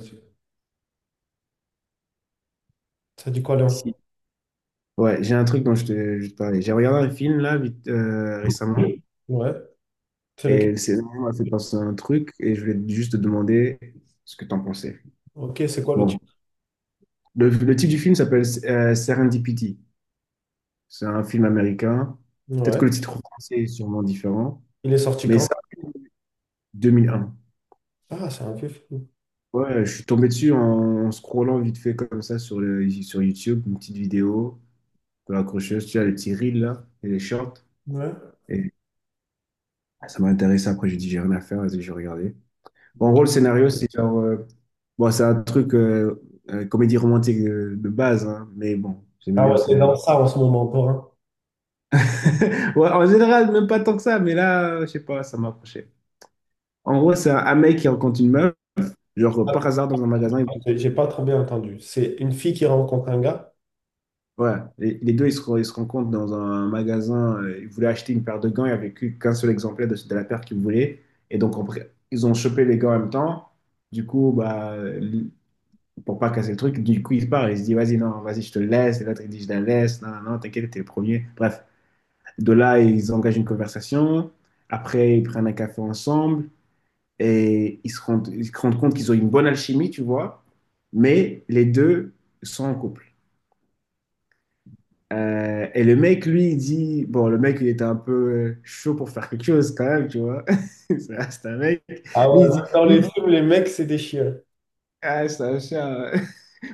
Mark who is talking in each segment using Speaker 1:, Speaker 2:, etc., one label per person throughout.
Speaker 1: Ça dit quoi,
Speaker 2: Si.
Speaker 1: Léon?
Speaker 2: Ouais, j'ai un truc dont je te parlais. J'ai regardé un film là vite, récemment
Speaker 1: Oui. Ouais. C'est lequel?
Speaker 2: et c'est ça m'a fait penser à un truc et je voulais juste te demander ce que t'en pensais.
Speaker 1: Ok, c'est quoi le
Speaker 2: Bon,
Speaker 1: titre?
Speaker 2: le titre du film s'appelle Serendipity. C'est un film américain. Peut-être
Speaker 1: Ouais.
Speaker 2: que le titre français est sûrement différent,
Speaker 1: Il est sorti
Speaker 2: mais
Speaker 1: quand?
Speaker 2: ça, 2001.
Speaker 1: Ah, c'est un vieux film.
Speaker 2: Ouais, je suis tombé dessus en scrollant vite fait comme ça sur, le, sur YouTube, une petite vidéo de l'accrocheuse, tu as les petits reels là et les shorts.
Speaker 1: Ouais.
Speaker 2: Et ça m'a intéressé. Après, j'ai dit, j'ai rien à faire, vas-y, j'ai regardé. En gros, le scénario, c'est genre. Bon, c'est un truc comédie romantique de, base, hein, mais bon, j'aimais
Speaker 1: Ah
Speaker 2: bien le
Speaker 1: ouais, t'es dans
Speaker 2: scénario.
Speaker 1: ça en ce moment encore, hein.
Speaker 2: Ouais, en général, même pas tant que ça, mais là, je sais pas, ça m'a accroché. En gros, c'est un mec qui rencontre une meuf, genre par
Speaker 1: Attends,
Speaker 2: hasard dans un magasin.
Speaker 1: j'ai pas trop bien entendu. C'est une fille qui rencontre un gars.
Speaker 2: Ouais, et les deux, ils se rencontrent dans un magasin. Ils voulaient acheter une paire de gants, il n'y avait qu'un seul exemplaire de la paire qu'ils voulaient. Et donc, après, ils ont chopé les gants en même temps. Du coup, bah, pour pas casser le truc. Du coup, il part, il se dit, vas-y, non, vas-y, je te laisse. Et l'autre, il dit, je la laisse. Non, non, non, t'inquiète, t'es le premier. Bref, de là, ils engagent une conversation. Après, ils prennent un café ensemble et ils se rendent compte qu'ils ont une bonne alchimie, tu vois. Mais les deux sont en couple. Et le mec, lui, il dit, bon, le mec, il était un peu chaud pour faire quelque chose quand même, tu vois. C'est un mec.
Speaker 1: Ah ouais, même dans
Speaker 2: Lui, il
Speaker 1: les
Speaker 2: dit,
Speaker 1: films, les mecs, c'est des chiens. Je
Speaker 2: ah, c'est un chien.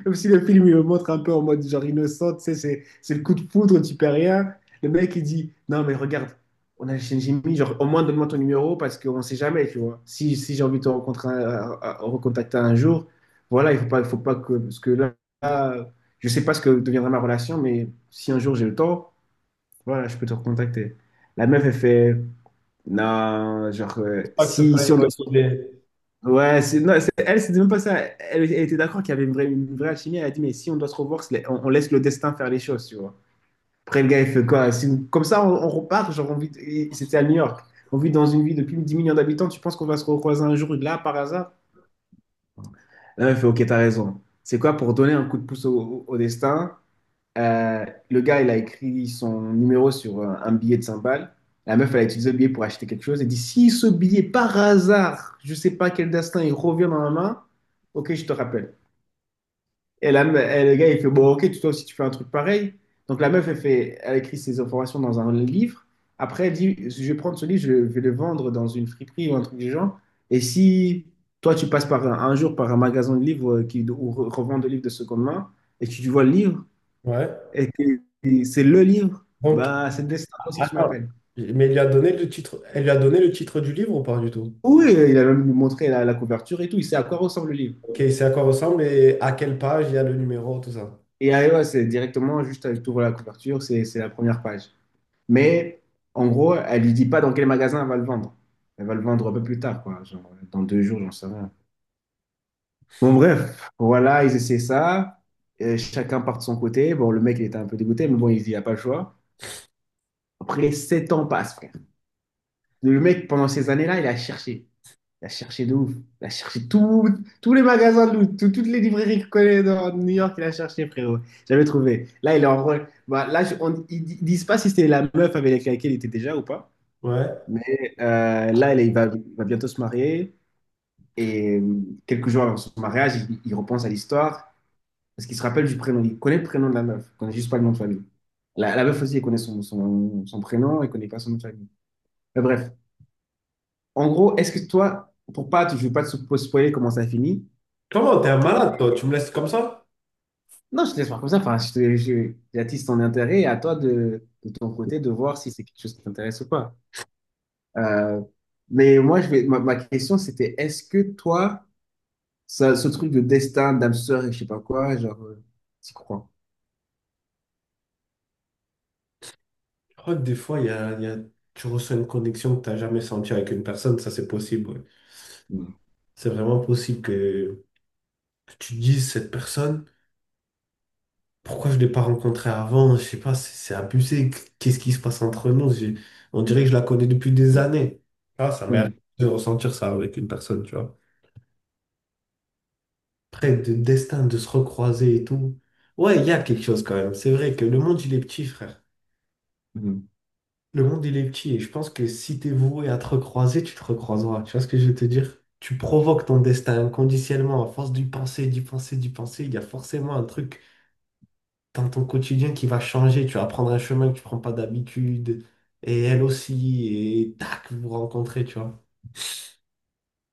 Speaker 2: Comme si le film, il le montre un peu en mode genre innocent, tu sais, c'est le coup de foudre, tu perds rien. Le mec, il dit, non, mais regarde, on a Shinjimi, genre, au moins donne-moi ton numéro parce qu'on sait jamais, tu vois. Si j'ai envie de te rencontrer, recontacter un jour, voilà, il faut pas que, parce que là, là, je sais pas ce que deviendra ma relation, mais si un jour j'ai le temps, voilà, je peux te recontacter. La meuf, elle fait, non, genre,
Speaker 1: crois que c'est
Speaker 2: si,
Speaker 1: pas
Speaker 2: si
Speaker 1: une
Speaker 2: on
Speaker 1: bonne
Speaker 2: doit se
Speaker 1: idée.
Speaker 2: Ouais, non, elle, c'était même pas ça. Elle, elle était d'accord qu'il y avait une vraie alchimie. Elle a dit, mais si on doit se revoir, on laisse le destin faire les choses, tu vois. Après, le gars, il fait quoi? Si comme ça, on repart. Genre, on vit, et c'était à New York. On vit dans une ville de plus de 10 millions d'habitants. Tu penses qu'on va se recroiser un jour, là, par hasard? Là, elle fait, ok, t'as raison. C'est quoi pour donner un coup de pouce au, au destin? Euh, le gars, il a écrit son numéro sur un billet de 100 balles. La meuf, elle a utilisé le billet pour acheter quelque chose. Elle dit, si ce billet, par hasard, je sais pas quel destin, il revient dans ma main, ok, je te rappelle. Et, et le gars, il fait, bon, ok, toi aussi, tu fais un truc pareil. Donc la meuf, elle fait, elle écrit ses informations dans un livre. Après, elle dit, je vais prendre ce livre, je vais le vendre dans une friperie ou un truc du genre. Et si toi, tu passes par un jour par un magasin de livres qui, où revend des livres de seconde main et que tu vois le livre,
Speaker 1: Ouais.
Speaker 2: et, c'est le livre.
Speaker 1: Donc,
Speaker 2: Bah, c'est Destin, toi aussi tu
Speaker 1: attends.
Speaker 2: m'appelles.
Speaker 1: Mais il lui a donné le titre. Elle lui a donné le titre du livre ou pas du tout?
Speaker 2: Oui, il a même montré la couverture et tout. Il sait à quoi ressemble le livre.
Speaker 1: Ok, c'est à quoi ressemble et à quelle page il y a le numéro, tout ça.
Speaker 2: Et ah, ouais, c'est directement juste avec tout la couverture, c'est la première page. Mais en gros, elle lui dit pas dans quel magasin elle va le vendre. Elle va le vendre un peu plus tard, quoi. Genre, dans deux jours, j'en sais rien. Bon, bref, voilà, ils essaient ça. Chacun part de son côté. Bon, le mec, il était un peu dégoûté, mais bon, il se dit, il n'y a pas le choix. Après, 7 ans passent, frère. Le mec, pendant ces années-là, il a cherché. Il a cherché de ouf. Il a cherché tous les magasins de loot, toutes les librairies qu'il connaît dans New York, il a cherché, frérot. J'avais trouvé. Là, il est en rôle. Bah, là, ils disent pas si c'était la meuf avec laquelle il était déjà ou pas.
Speaker 1: Ouais.
Speaker 2: Mais là, il va bientôt se marier. Et quelques jours avant son mariage, il repense à l'histoire. Parce qu'il se rappelle du prénom. Il connaît le prénom de la meuf. Il connaît juste pas le nom de famille. La meuf aussi, elle connaît son prénom. Elle connaît pas son nom de famille. Mais bref. En gros, est-ce que toi, pour pas, je veux pas te spoiler comment ça finit.
Speaker 1: Comment t'es un malade, toi? Tu me laisses comme ça?
Speaker 2: Non, je te laisse voir comme ça. Enfin, j'attise ton intérêt et à toi de ton côté de voir si c'est quelque chose qui t'intéresse ou pas. Euh, mais moi, je vais, ma question, c'était est-ce que toi, ça, ce truc de destin, d'âme sœur et je sais pas quoi, genre, t'y crois?
Speaker 1: Je crois que des fois, tu ressens une connexion que tu n'as jamais sentie avec une personne, ça c'est possible. Ouais.
Speaker 2: Mm.
Speaker 1: C'est vraiment possible que tu te dises, cette personne, pourquoi je ne l'ai pas rencontrée avant? Je sais pas, c'est abusé. Qu'est-ce qui se passe entre nous? J'ai- on dirait que je la connais depuis des années. Ah, ça m'est
Speaker 2: Ouais.
Speaker 1: arrivé de ressentir ça avec une personne, tu vois. Près de destin, de se recroiser et tout. Ouais, il y a quelque chose quand même. C'est vrai que le monde, il est petit, frère.
Speaker 2: Mm.
Speaker 1: Le monde, il est petit et je pense que si t'es voué à te recroiser, tu te recroiseras. Tu vois ce que je veux te dire? Tu provoques ton destin inconditionnellement à force d'y penser, d'y penser, d'y penser. Il y a forcément un truc dans ton quotidien qui va changer. Tu vas prendre un chemin que tu prends pas d'habitude et elle aussi et tac, vous vous rencontrez, tu vois.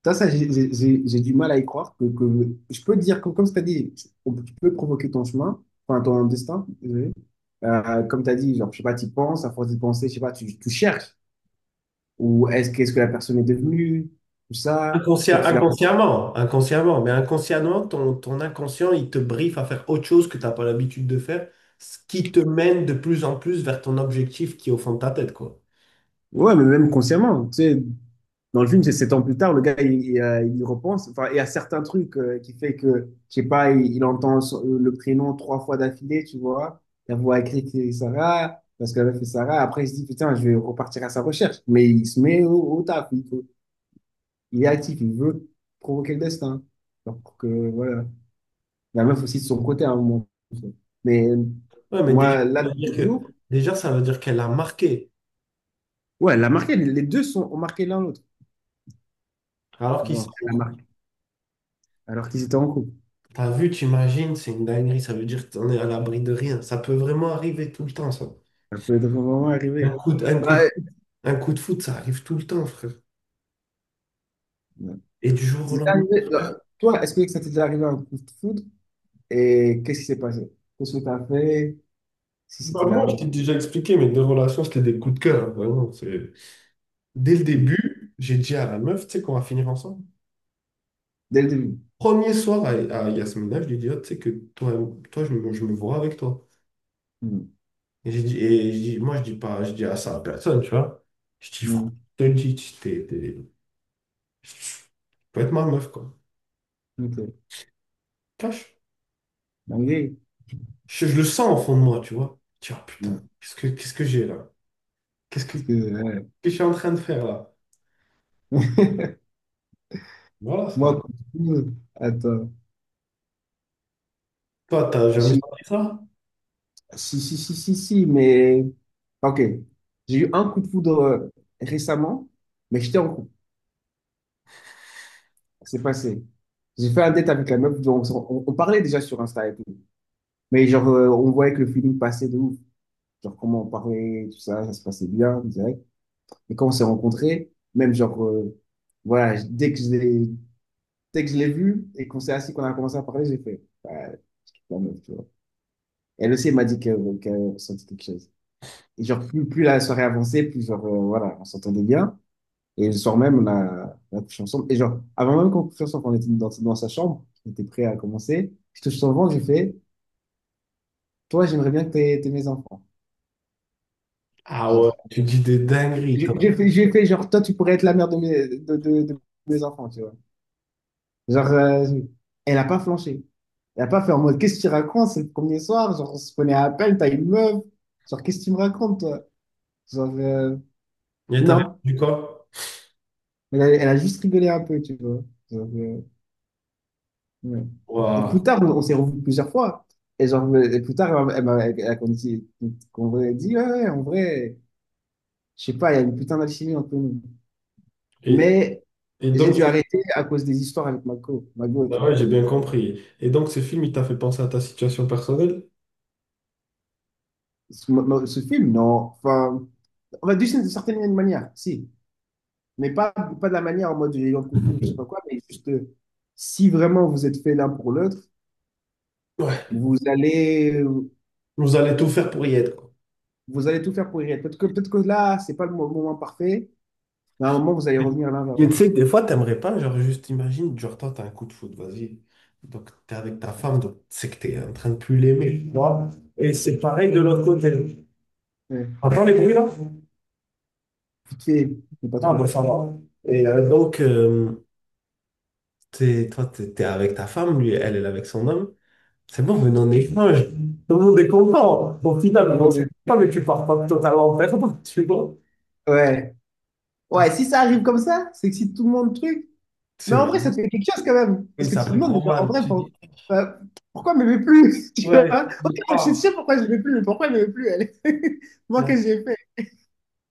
Speaker 2: J'ai du mal à y croire. Je peux te dire, que, comme tu as dit, on- tu peux provoquer ton chemin, enfin ton destin, désolé. Comme tu as dit, genre, je sais pas, tu penses, à force d'y penser, je sais pas, tu cherches. Ou est-ce qu'est-ce que la personne est devenue? Tout ça.
Speaker 1: Inconscient,
Speaker 2: Peut-être tu l'as.
Speaker 1: inconsciemment, inconsciemment, mais inconsciemment, ton inconscient, il te briefe à faire autre chose que t'as pas l'habitude de faire, ce qui te mène de plus en plus vers ton objectif qui est au fond de ta tête, quoi.
Speaker 2: Ouais, mais même consciemment, tu sais, dans le film, c'est 7 ans plus tard, le gars, il y repense, enfin, il y a certains trucs qui fait que, je sais pas, il entend le prénom 3 fois d'affilée, tu vois, la voix écrite c'est Sarah, parce qu'elle avait fait Sarah, après il se dit, putain, je vais repartir à sa recherche, mais il se met au taf, il est actif, il veut provoquer le destin. Donc, voilà, la meuf aussi de son côté à un moment. Mais
Speaker 1: Ouais, mais déjà, ça
Speaker 2: moi, là,
Speaker 1: veut dire que,
Speaker 2: toujours
Speaker 1: déjà, ça veut dire qu'elle a marqué.
Speaker 2: Ouais, elle a marqué, les deux ont marqué l'un l'autre.
Speaker 1: Alors qu'ils
Speaker 2: Genre, elle a
Speaker 1: sont.
Speaker 2: marqué, alors qu'ils étaient en couple.
Speaker 1: T'as vu, t'imagines, c'est une dinguerie. Ça veut dire que t'en es à l'abri de rien. Ça peut vraiment arriver tout le temps, ça.
Speaker 2: Ça peut être vraiment
Speaker 1: Un
Speaker 2: arrivé.
Speaker 1: coup de, un coup
Speaker 2: Bah,
Speaker 1: de, un coup de foot, ça arrive tout le temps, frère.
Speaker 2: Ouais.
Speaker 1: Et du jour au
Speaker 2: C'est déjà
Speaker 1: lendemain.
Speaker 2: arrivé. Toi, est-ce que ça t'est déjà arrivé un coup de foudre? Et qu'est-ce qui s'est passé? Qu'est-ce que t'as fait si ça
Speaker 1: Bah,
Speaker 2: t'est déjà
Speaker 1: moi, je
Speaker 2: arrivé?
Speaker 1: t'ai déjà expliqué, mes deux relations, c'était des coups de cœur. Hein, vraiment, c'est- dès le
Speaker 2: Mm.
Speaker 1: début, j'ai dit à la meuf, tu sais qu'on va finir ensemble.
Speaker 2: Dès le début.
Speaker 1: Premier soir à Yasmina, je lui ai dit, oh, tu sais que toi, toi je me vois avec toi.
Speaker 2: Mm.
Speaker 1: Et j'ai dit, et je dis- moi, je dis pas, je dis à ça à personne, tu vois. Je dis, franchement,
Speaker 2: Mm.
Speaker 1: je te le dis, tu peux être ma meuf, quoi.
Speaker 2: Ok.
Speaker 1: Cache.
Speaker 2: Dinguerie.
Speaker 1: Je le sens au fond de moi, tu vois. Je dis, ah, putain,
Speaker 2: Mm.
Speaker 1: qu'est-ce que j'ai là?
Speaker 2: Parce
Speaker 1: Qu'est-ce
Speaker 2: que, ouais.
Speaker 1: que je suis en train de faire là? Voilà, ça.
Speaker 2: Moi, coup de foudre, attends.
Speaker 1: Toi, t'as jamais
Speaker 2: Si,
Speaker 1: senti ça?
Speaker 2: si, si, si, si, si, mais. Ok. J'ai eu un coup de foudre récemment, mais j'étais en couple. C'est passé. J'ai fait un date avec la meuf, donc on parlait déjà sur Insta et tout. Mais genre, on voyait que le feeling passait de ouf. Genre, comment on parlait, tout ça, ça se passait bien, direct. Et quand on s'est rencontrés, même genre, voilà, dès que je l'ai, dès que je l'ai vue et qu'on s'est assis, qu'on a commencé à parler, j'ai fait, bah, la meuf, tu vois. Elle aussi, elle m'a dit qu'elle ressentait quelque chose. Et genre, plus la soirée avançait, plus genre, voilà, on s'entendait bien. Et le soir même, on a couché ensemble. Et genre, avant même qu'on couche ensemble, on était dans sa chambre, on était prêt à commencer. Je touche son ventre, j'ai fait, toi, j'aimerais bien que t'aies mes enfants.
Speaker 1: Ah ouais,
Speaker 2: Genre,
Speaker 1: tu dis des dingueries, toi.
Speaker 2: J'ai fait, genre, toi, tu pourrais être la mère de de mes enfants, tu vois. Genre, elle a pas flanché. Elle a pas fait en mode, qu'est-ce que tu racontes? C'est le premier soir, genre, on se prenait à peine, t'as une meuf. Genre, qu'est-ce que tu me racontes, toi? Genre,
Speaker 1: Et t'as
Speaker 2: non.
Speaker 1: répondu quoi?
Speaker 2: Elle a, elle a juste rigolé un peu, tu vois. Genre, Oui. Et
Speaker 1: Waouh.
Speaker 2: plus tard, on s'est revus plusieurs fois. Et, genre, et plus tard, elle m'a dit, qu'on aurait dit, ouais, ouais, en vrai, je sais pas, il y a une putain d'alchimie entre nous.
Speaker 1: Et,
Speaker 2: Mais
Speaker 1: et
Speaker 2: j'ai
Speaker 1: donc,
Speaker 2: dû
Speaker 1: c'est-
Speaker 2: arrêter à cause des histoires avec Marco, Margot, tu
Speaker 1: ah ouais,
Speaker 2: vois.
Speaker 1: j'ai bien compris. Et donc, ce film, il t'a fait penser à ta situation personnelle?
Speaker 2: Ce film, non. Enfin, on va dire d'une certaine manière, si. Mais pas de la manière en mode j'ai eu un coup de foudre, je sais pas quoi, mais juste si vraiment vous êtes fait l'un pour l'autre,
Speaker 1: Ouais.
Speaker 2: vous allez,
Speaker 1: Vous allez tout faire pour y être, quoi.
Speaker 2: vous allez tout faire pour y être. Peut-être que là, c'est pas le moment parfait, mais à un moment, vous allez revenir l'un vers
Speaker 1: Mais tu sais, des fois, t'aimerais pas, genre, juste imagine, genre, toi, t'as un coup de foudre, vas-y. Donc, t'es avec ta femme, donc, c'est que t'es en train de plus l'aimer, tu vois. Et c'est pareil de l'autre côté.
Speaker 2: ouais.
Speaker 1: Entends les bruits, là?
Speaker 2: Piqué, mais pas
Speaker 1: Ah, bon,
Speaker 2: trop.
Speaker 1: ça va. Et donc, t'es- toi, t'es avec ta femme, lui, elle, elle est avec son homme. C'est bon, venez en échange. Tout le monde est content. Au
Speaker 2: Je
Speaker 1: final,
Speaker 2: vois
Speaker 1: bon, c'est
Speaker 2: bien.
Speaker 1: pas, mais tu pars pas totalement en perdant, tu vois.
Speaker 2: Ouais.
Speaker 1: Ah,
Speaker 2: Ouais,
Speaker 1: c'est
Speaker 2: si ça arrive comme ça, c'est que si tout le monde truc. Mais en vrai, ça
Speaker 1: magnifique.
Speaker 2: te fait quelque chose quand même.
Speaker 1: Oui,
Speaker 2: Parce que
Speaker 1: ça
Speaker 2: tu te
Speaker 1: fait
Speaker 2: demandes, mais
Speaker 1: trop
Speaker 2: genre, en
Speaker 1: mal.
Speaker 2: vrai,
Speaker 1: Tu dis,
Speaker 2: euh, pourquoi elle m'aimait plus? Tu vois?
Speaker 1: ouais, tu
Speaker 2: Ok,
Speaker 1: dis,
Speaker 2: moi, je sais
Speaker 1: ah.
Speaker 2: pourquoi je m'aimais plus, mais pourquoi elle m'aimait plus, elle? Moi, qu'est-ce que j'ai fait?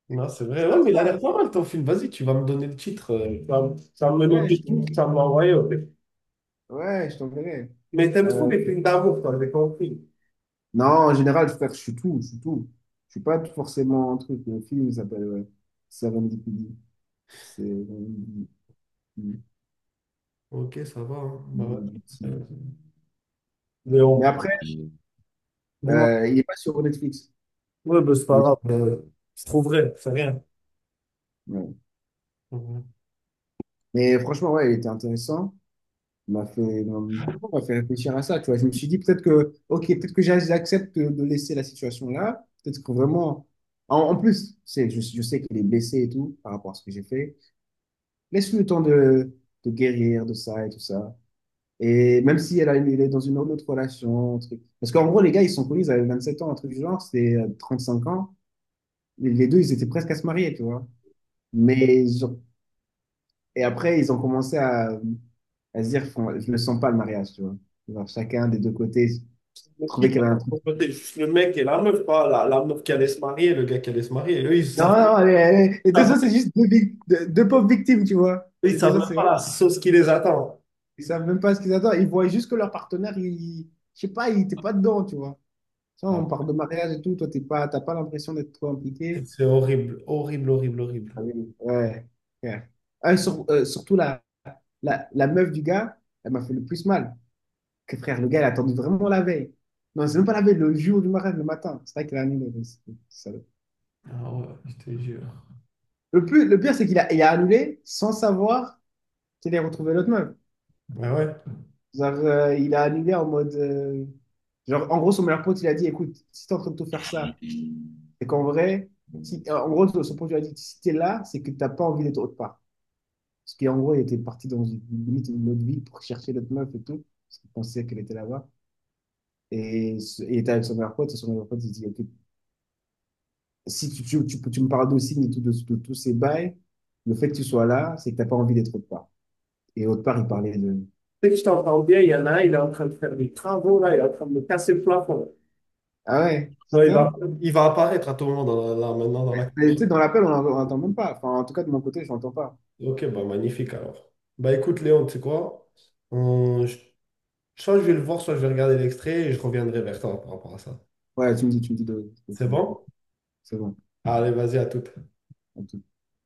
Speaker 1: Non, c'est vrai.
Speaker 2: Ça,
Speaker 1: Ouais, mais il a
Speaker 2: ça,
Speaker 1: l'air pas mal ton film. Vas-y, tu vas me donner le titre. Ça, ça me
Speaker 2: ouais, je
Speaker 1: notait
Speaker 2: t'en-
Speaker 1: tout, ça me l'a envoyé.
Speaker 2: ouais, je t'enverrai.
Speaker 1: Mais t'aimes trop
Speaker 2: Euh,
Speaker 1: les films d'amour, toi, j'ai compris.
Speaker 2: non, en général, frère, je suis tout. Je suis pas forcément un truc. Le film il s'appelle ouais, Serendipity. C'est.
Speaker 1: Ok, ça va. Hein. Bah, ouais. Euh, mais
Speaker 2: Mais
Speaker 1: bon,
Speaker 2: après,
Speaker 1: dis-moi.
Speaker 2: Il est pas sur Netflix.
Speaker 1: Ouais, ben, c'est pas
Speaker 2: Il est-
Speaker 1: grave, c'est trop vrai, c'est rien.
Speaker 2: ouais.
Speaker 1: Mhm.
Speaker 2: Mais franchement, ouais, il était intéressant. Il m'a fait réfléchir à ça, tu vois. Je me suis dit peut-être que, ok, peut-être que j'accepte de laisser la situation là. Peut-être que vraiment, en plus, c'est, je sais qu'il est blessé et tout par rapport à ce que j'ai fait. Laisse-lui le temps de guérir de ça et tout ça. Et même si elle a, il est dans une autre relation, un truc. Parce qu'en gros, les gars, ils sont connus, ils avaient 27 ans, un truc du genre, c'était 5 ans. Les deux, ils étaient presque à se marier, tu vois. Mais genre, et après, ils ont commencé à, je ne sens pas le mariage, tu vois. Genre, chacun des deux côtés
Speaker 1: Le
Speaker 2: trouvait
Speaker 1: qui
Speaker 2: qu'il y
Speaker 1: va
Speaker 2: avait un truc.
Speaker 1: côté, juste le mec et la meuf, pas la, la meuf qui allait se marier, le gars qui allait se marier. Eux, ils
Speaker 2: Non,
Speaker 1: savent,
Speaker 2: non, les deux autres, c'est
Speaker 1: savent-
Speaker 2: juste deux pauvres victimes, tu vois.
Speaker 1: ils
Speaker 2: Les deux
Speaker 1: savent
Speaker 2: autres,
Speaker 1: même
Speaker 2: c'est
Speaker 1: pas
Speaker 2: vrai.
Speaker 1: la sauce qui les attend.
Speaker 2: Ils savent même pas ce qu'ils attendent. Ils voient juste que leur partenaire, il, je sais pas, il était pas dedans, tu vois. Tu vois,
Speaker 1: Ah,
Speaker 2: on parle de mariage et tout, toi, t'es pas, t'as pas l'impression d'être trop impliqué.
Speaker 1: c'est horrible, horrible, horrible, horrible.
Speaker 2: Ah oui. Ouais. Ouais. Surtout la meuf du gars, elle m'a fait le plus mal. Que frère, le gars, il a attendu vraiment la veille. Non, c'est même pas la veille, le jour du mariage, le matin. C'est vrai qu'il a annulé. Mais c'est salaud.
Speaker 1: Ah ouais, je te jure.
Speaker 2: Le plus, le pire, c'est qu'il a, il a annulé sans savoir qu'il allait retrouver l'autre meuf.
Speaker 1: Ah ouais.
Speaker 2: Genre, il a annulé en mode. Genre, en gros, son meilleur pote, il a dit, écoute, si t'es en train de tout faire ça, c'est qu'en vrai, si, en gros, son pote lui a dit, si t'es là, c'est que t'as pas envie d'être autre part. Parce qu'en gros, il était parti dans une, limite une autre ville pour chercher l'autre meuf et tout. Parce qu'il pensait qu'elle était là-bas. Il était avec son meilleur pote, et son meilleur pote, il dit, ok, si tu me parles d'Ossine et tout, de tous ces bails, le fait que tu sois là, c'est que t'as pas envie d'être autre part. Et autre part, il parlait de...
Speaker 1: Sais que je t'entends bien, il y en a un, il est en train de faire des travaux, là, il est en train de me casser le plafond.
Speaker 2: Ah ouais,
Speaker 1: Non,
Speaker 2: putain.
Speaker 1: il va apparaître à tout moment dans la- là, maintenant dans la...
Speaker 2: Et tu sais, dans l'appel, on n'entend même pas. Enfin, en tout cas, de mon côté, je n'entends pas.
Speaker 1: Ok, bah magnifique alors. Bah écoute Léon, tu sais quoi? On- je- soit je vais le voir, soit je vais regarder l'extrait et je reviendrai vers toi par rapport à ça.
Speaker 2: Ouais, tu me dis de
Speaker 1: C'est
Speaker 2: ton-
Speaker 1: bon?
Speaker 2: C'est bon.
Speaker 1: Allez, vas-y, à toute.